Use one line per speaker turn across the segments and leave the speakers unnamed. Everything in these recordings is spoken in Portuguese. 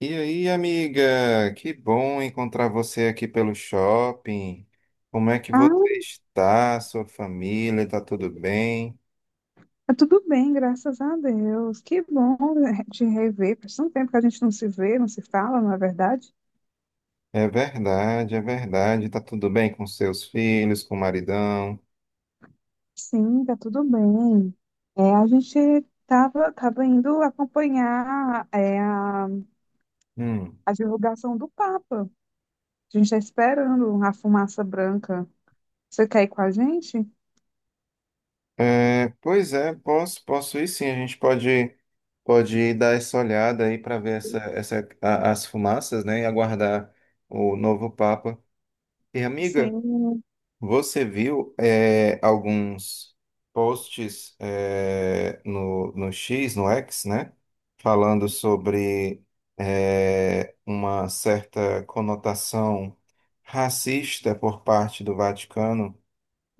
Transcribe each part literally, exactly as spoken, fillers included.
E aí, amiga? Que bom encontrar você aqui pelo shopping. Como é que você
Ah,
está? Sua família está tudo bem?
tá tudo bem, graças a Deus. Que bom né, te rever. Faz tanto tempo que a gente não se vê, não se fala, não é verdade?
É verdade, é verdade. Está tudo bem com seus filhos, com o maridão?
Sim, tá tudo bem. É, a gente tava, tava indo acompanhar é, a,
Hum.
a divulgação do Papa. A gente está esperando a fumaça branca. Você quer ir com a gente?
É, pois é, posso, posso ir sim. A gente pode, pode ir dar essa olhada aí para ver essa, essa, a- as fumaças, né? E aguardar o novo Papa. E amiga?
Sim.
Você viu é, alguns posts, é, no, no xis, no X, né? Falando sobre é, uma certa conotação racista por parte do Vaticano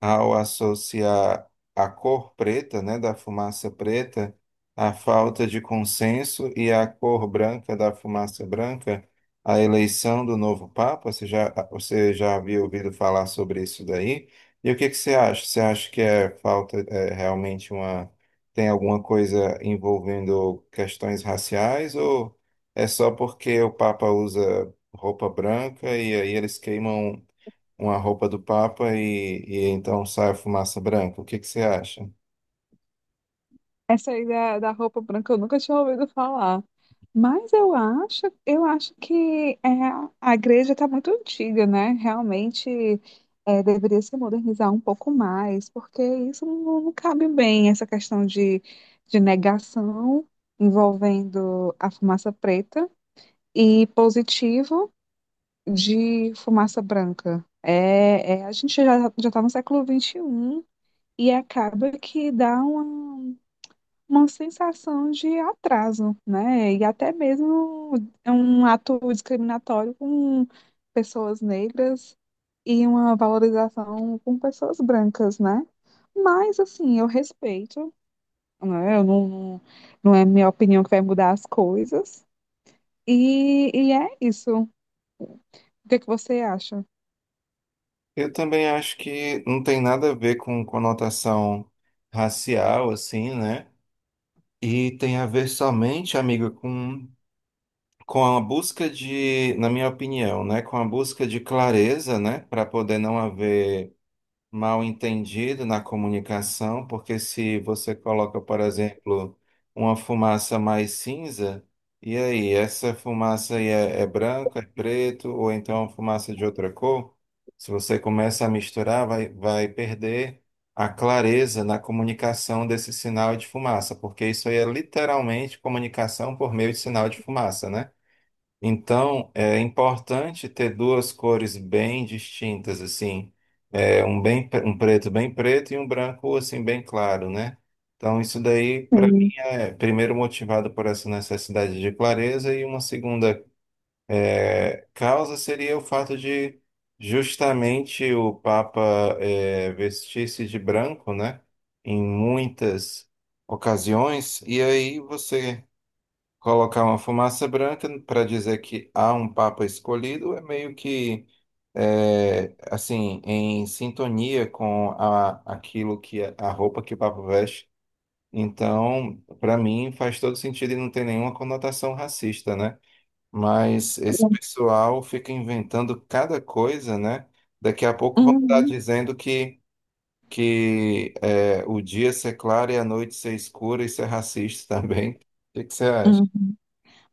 ao associar a cor preta, né, da fumaça preta, à falta de consenso e a cor branca da fumaça branca, a eleição do novo Papa. Você já, você já havia ouvido falar sobre isso daí? E o que que você acha? Você acha que é falta, é realmente uma, tem alguma coisa envolvendo questões raciais? Ou é só porque o Papa usa roupa branca e aí eles queimam uma roupa do Papa e, e então sai a fumaça branca. O que que você acha?
Essa aí da, da roupa branca eu nunca tinha ouvido falar. Mas eu acho, eu acho que é, a igreja está muito antiga, né? Realmente é, deveria se modernizar um pouco mais, porque isso não, não cabe bem, essa questão de, de negação envolvendo a fumaça preta e positivo de fumaça branca. É, é, a gente já já está no século vinte e um e um e acaba que dá uma uma sensação de atraso, né? E até mesmo é um ato discriminatório com pessoas negras e uma valorização com pessoas brancas, né? Mas, assim, eu respeito, né? Eu não, não, não é minha opinião que vai mudar as coisas. E, e é isso. O que é que você acha?
Eu também acho que não tem nada a ver com conotação racial, assim, né? E tem a ver somente, amigo, com, com a busca de, na minha opinião, né? Com a busca de clareza, né? Para poder não haver mal entendido na comunicação, porque se você coloca, por exemplo, uma fumaça mais cinza, e aí, essa fumaça aí é, é branca, é preto, ou então é uma fumaça de outra cor, se você começa a misturar, vai, vai perder a clareza na comunicação desse sinal de fumaça, porque isso aí é literalmente comunicação por meio de sinal de fumaça, né? Então, é importante ter duas cores bem distintas, assim, é, um bem, um preto bem preto e um branco, assim, bem claro, né? Então, isso daí, para mim,
Sim.
é primeiro motivado por essa necessidade de clareza e uma segunda é, causa seria o fato de justamente o Papa, é, vestir-se de branco, né? Em muitas ocasiões, e aí você colocar uma fumaça branca para dizer que há um papa escolhido é meio que é, assim em sintonia com a, aquilo que é, a roupa que o papa veste. Então, para mim faz todo sentido e não tem nenhuma conotação racista, né? Mas esse pessoal fica inventando cada coisa, né? Daqui a pouco vão estar
Uhum,
dizendo que que é, o dia ser claro e a noite ser escura, isso é racista também. O que que você acha?
uhum.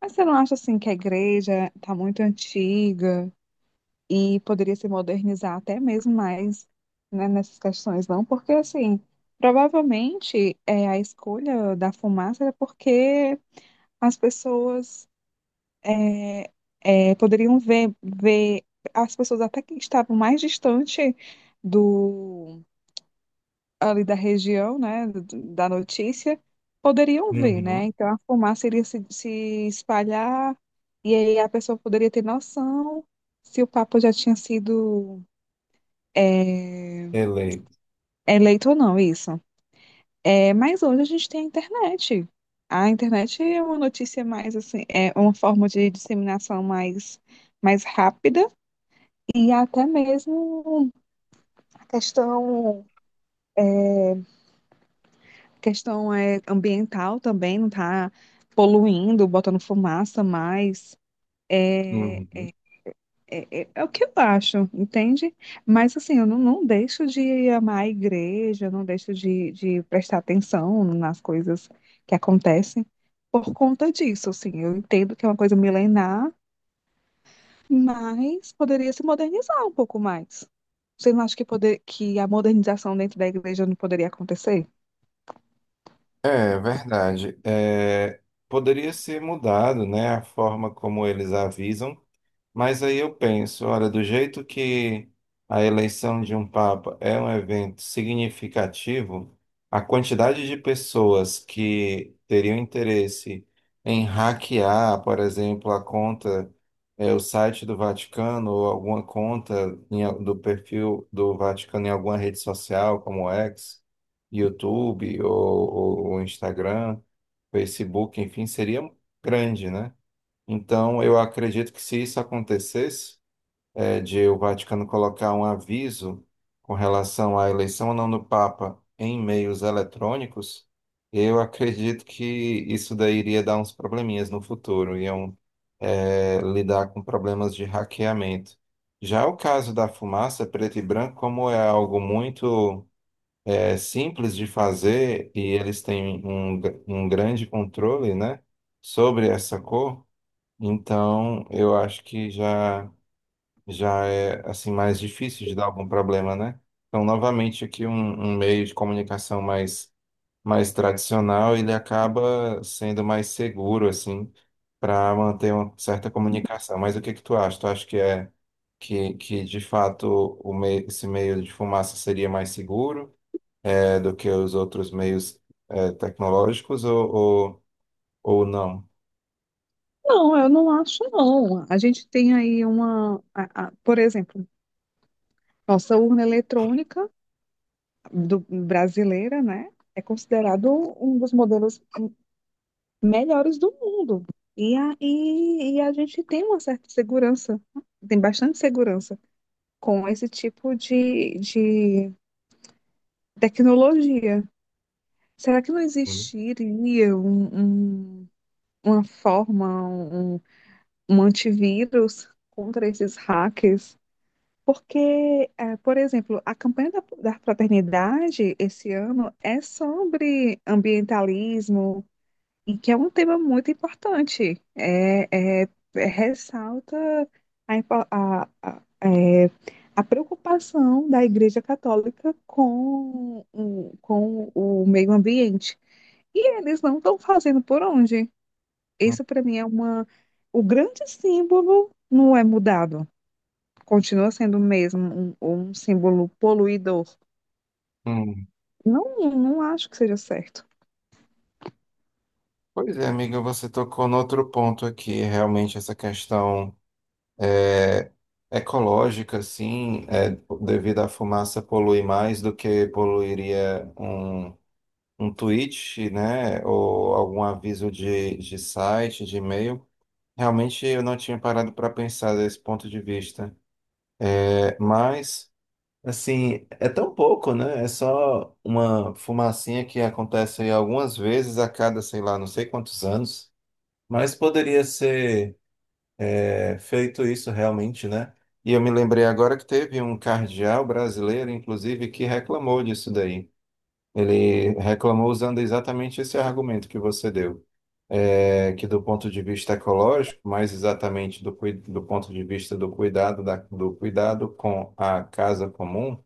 Mas você não acha, assim, que a igreja tá muito antiga? E poderia se modernizar até mesmo mais, né, nessas questões, não? Porque, assim, provavelmente é, a escolha da fumaça era porque as pessoas é, é, poderiam ver, ver as pessoas até que estavam mais distante do, ali da região, né, do- da notícia, poderiam ver, né?
Uhum.
Então a fumaça iria se, se espalhar e aí a pessoa poderia ter noção se o papo já tinha sido é,
Eleito.
É leito ou não, isso. É, mas hoje a gente tem a internet. A internet é uma notícia mais assim, é uma forma de disseminação mais, mais rápida e até mesmo a questão, questão é ambiental também, não está poluindo, botando fumaça mais. É,
Uhum.
É, é- é o que eu acho, entende? Mas assim, eu não, não deixo de amar a igreja, eu não deixo de, de prestar atenção nas coisas que acontecem por conta disso, assim. Eu entendo que é uma coisa milenar, mas poderia se modernizar um pouco mais. Você não acha que, poder, que a modernização dentro da igreja não poderia acontecer?
É verdade. É, poderia ser mudado, né, a forma como eles avisam. Mas aí eu penso, olha, do jeito que a eleição de um papa é um evento significativo, a quantidade de pessoas que teriam interesse em hackear, por exemplo, a conta, eh, o site do Vaticano ou alguma conta em al- do perfil do Vaticano em alguma rede social, como xis, YouTube ou, ou ou Instagram, Facebook, enfim, seria grande, né? Então, eu acredito que se isso acontecesse, é, de o Vaticano colocar um aviso com relação à eleição ou não do Papa em meios eletrônicos, eu acredito que isso daí iria dar uns probleminhas no futuro, iam, é, lidar com problemas de hackeamento. Já o caso da fumaça preto e branco, como é algo muito, é, simples de fazer e eles têm um, um grande controle, né, sobre essa cor. Então, eu acho que já já é assim mais difícil de dar algum problema, né? Então, novamente aqui um, um meio de comunicação mais mais tradicional, ele acaba sendo mais seguro assim para manter uma certa comunicação. Mas o que que tu acha? Tu acha que é que, que de fato o meio, esse meio de fumaça seria mais seguro, é, do que os outros meios, é, tecnológicos ou, ou, ou não?
Não, eu não acho, não. A gente tem aí uma, a- a- por exemplo, nossa urna eletrônica do- brasileira, né? É considerado um dos modelos melhores do mundo. E a, e, e a gente tem uma certa segurança, tem bastante segurança com esse tipo de, de tecnologia. Será que não
Hum.
existiria um, um- uma forma, um, um antivírus contra esses hackers? Porque, eh, por exemplo, a campanha da, da fraternidade esse ano é sobre ambientalismo, e que é um tema muito importante. É, é- é- ressalta a, impo- a, a, é, a preocupação da Igreja Católica com, o- com o meio ambiente. E eles não estão fazendo por onde. Isso, para mim, é uma, o grande símbolo não é mudado, continua sendo mesmo um, um símbolo poluidor.
Hum.
Não, não acho que seja certo.
Pois é, amiga, você tocou no outro ponto aqui, realmente essa questão, é, ecológica, assim, é, devido à fumaça polui mais do que poluiria um, um tweet, né, ou algum aviso de, de site, de e-mail. Realmente eu não tinha parado para pensar desse ponto de vista. É, mas, assim, é tão pouco, né? É só uma fumacinha que acontece aí algumas vezes a cada, sei lá, não sei quantos anos. Mas poderia ser, é, feito isso realmente, né? E eu me lembrei agora que teve um cardeal brasileiro, inclusive, que reclamou disso daí. Ele reclamou usando exatamente esse argumento que você deu. É, que do ponto de vista ecológico, mais exatamente do, cui- do ponto de vista do cuidado, da- do cuidado com a casa comum,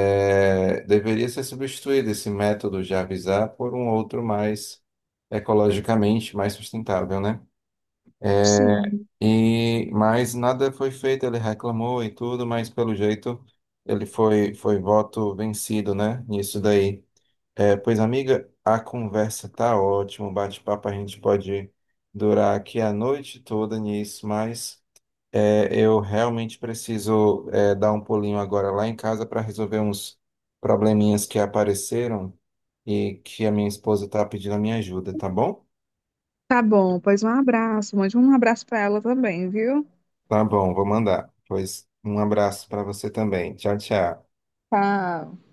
é, deveria ser substituído esse método de avisar por um outro mais ecologicamente mais sustentável, né?
Sim.
E, mas nada foi feito, ele reclamou e tudo, mas pelo jeito ele foi, foi voto vencido, né? Nisso daí. É, pois, amiga, a conversa tá ótima, o bate-papo a gente pode durar aqui a noite toda nisso, mas, é, eu realmente preciso, é, dar um pulinho agora lá em casa para resolver uns probleminhas que apareceram e que a minha esposa tá pedindo a minha ajuda, tá bom?
Tá bom, pois um abraço. Mande um abraço para ela também, viu?
Tá bom, vou mandar. Pois um abraço para você também. Tchau, tchau.
Tá.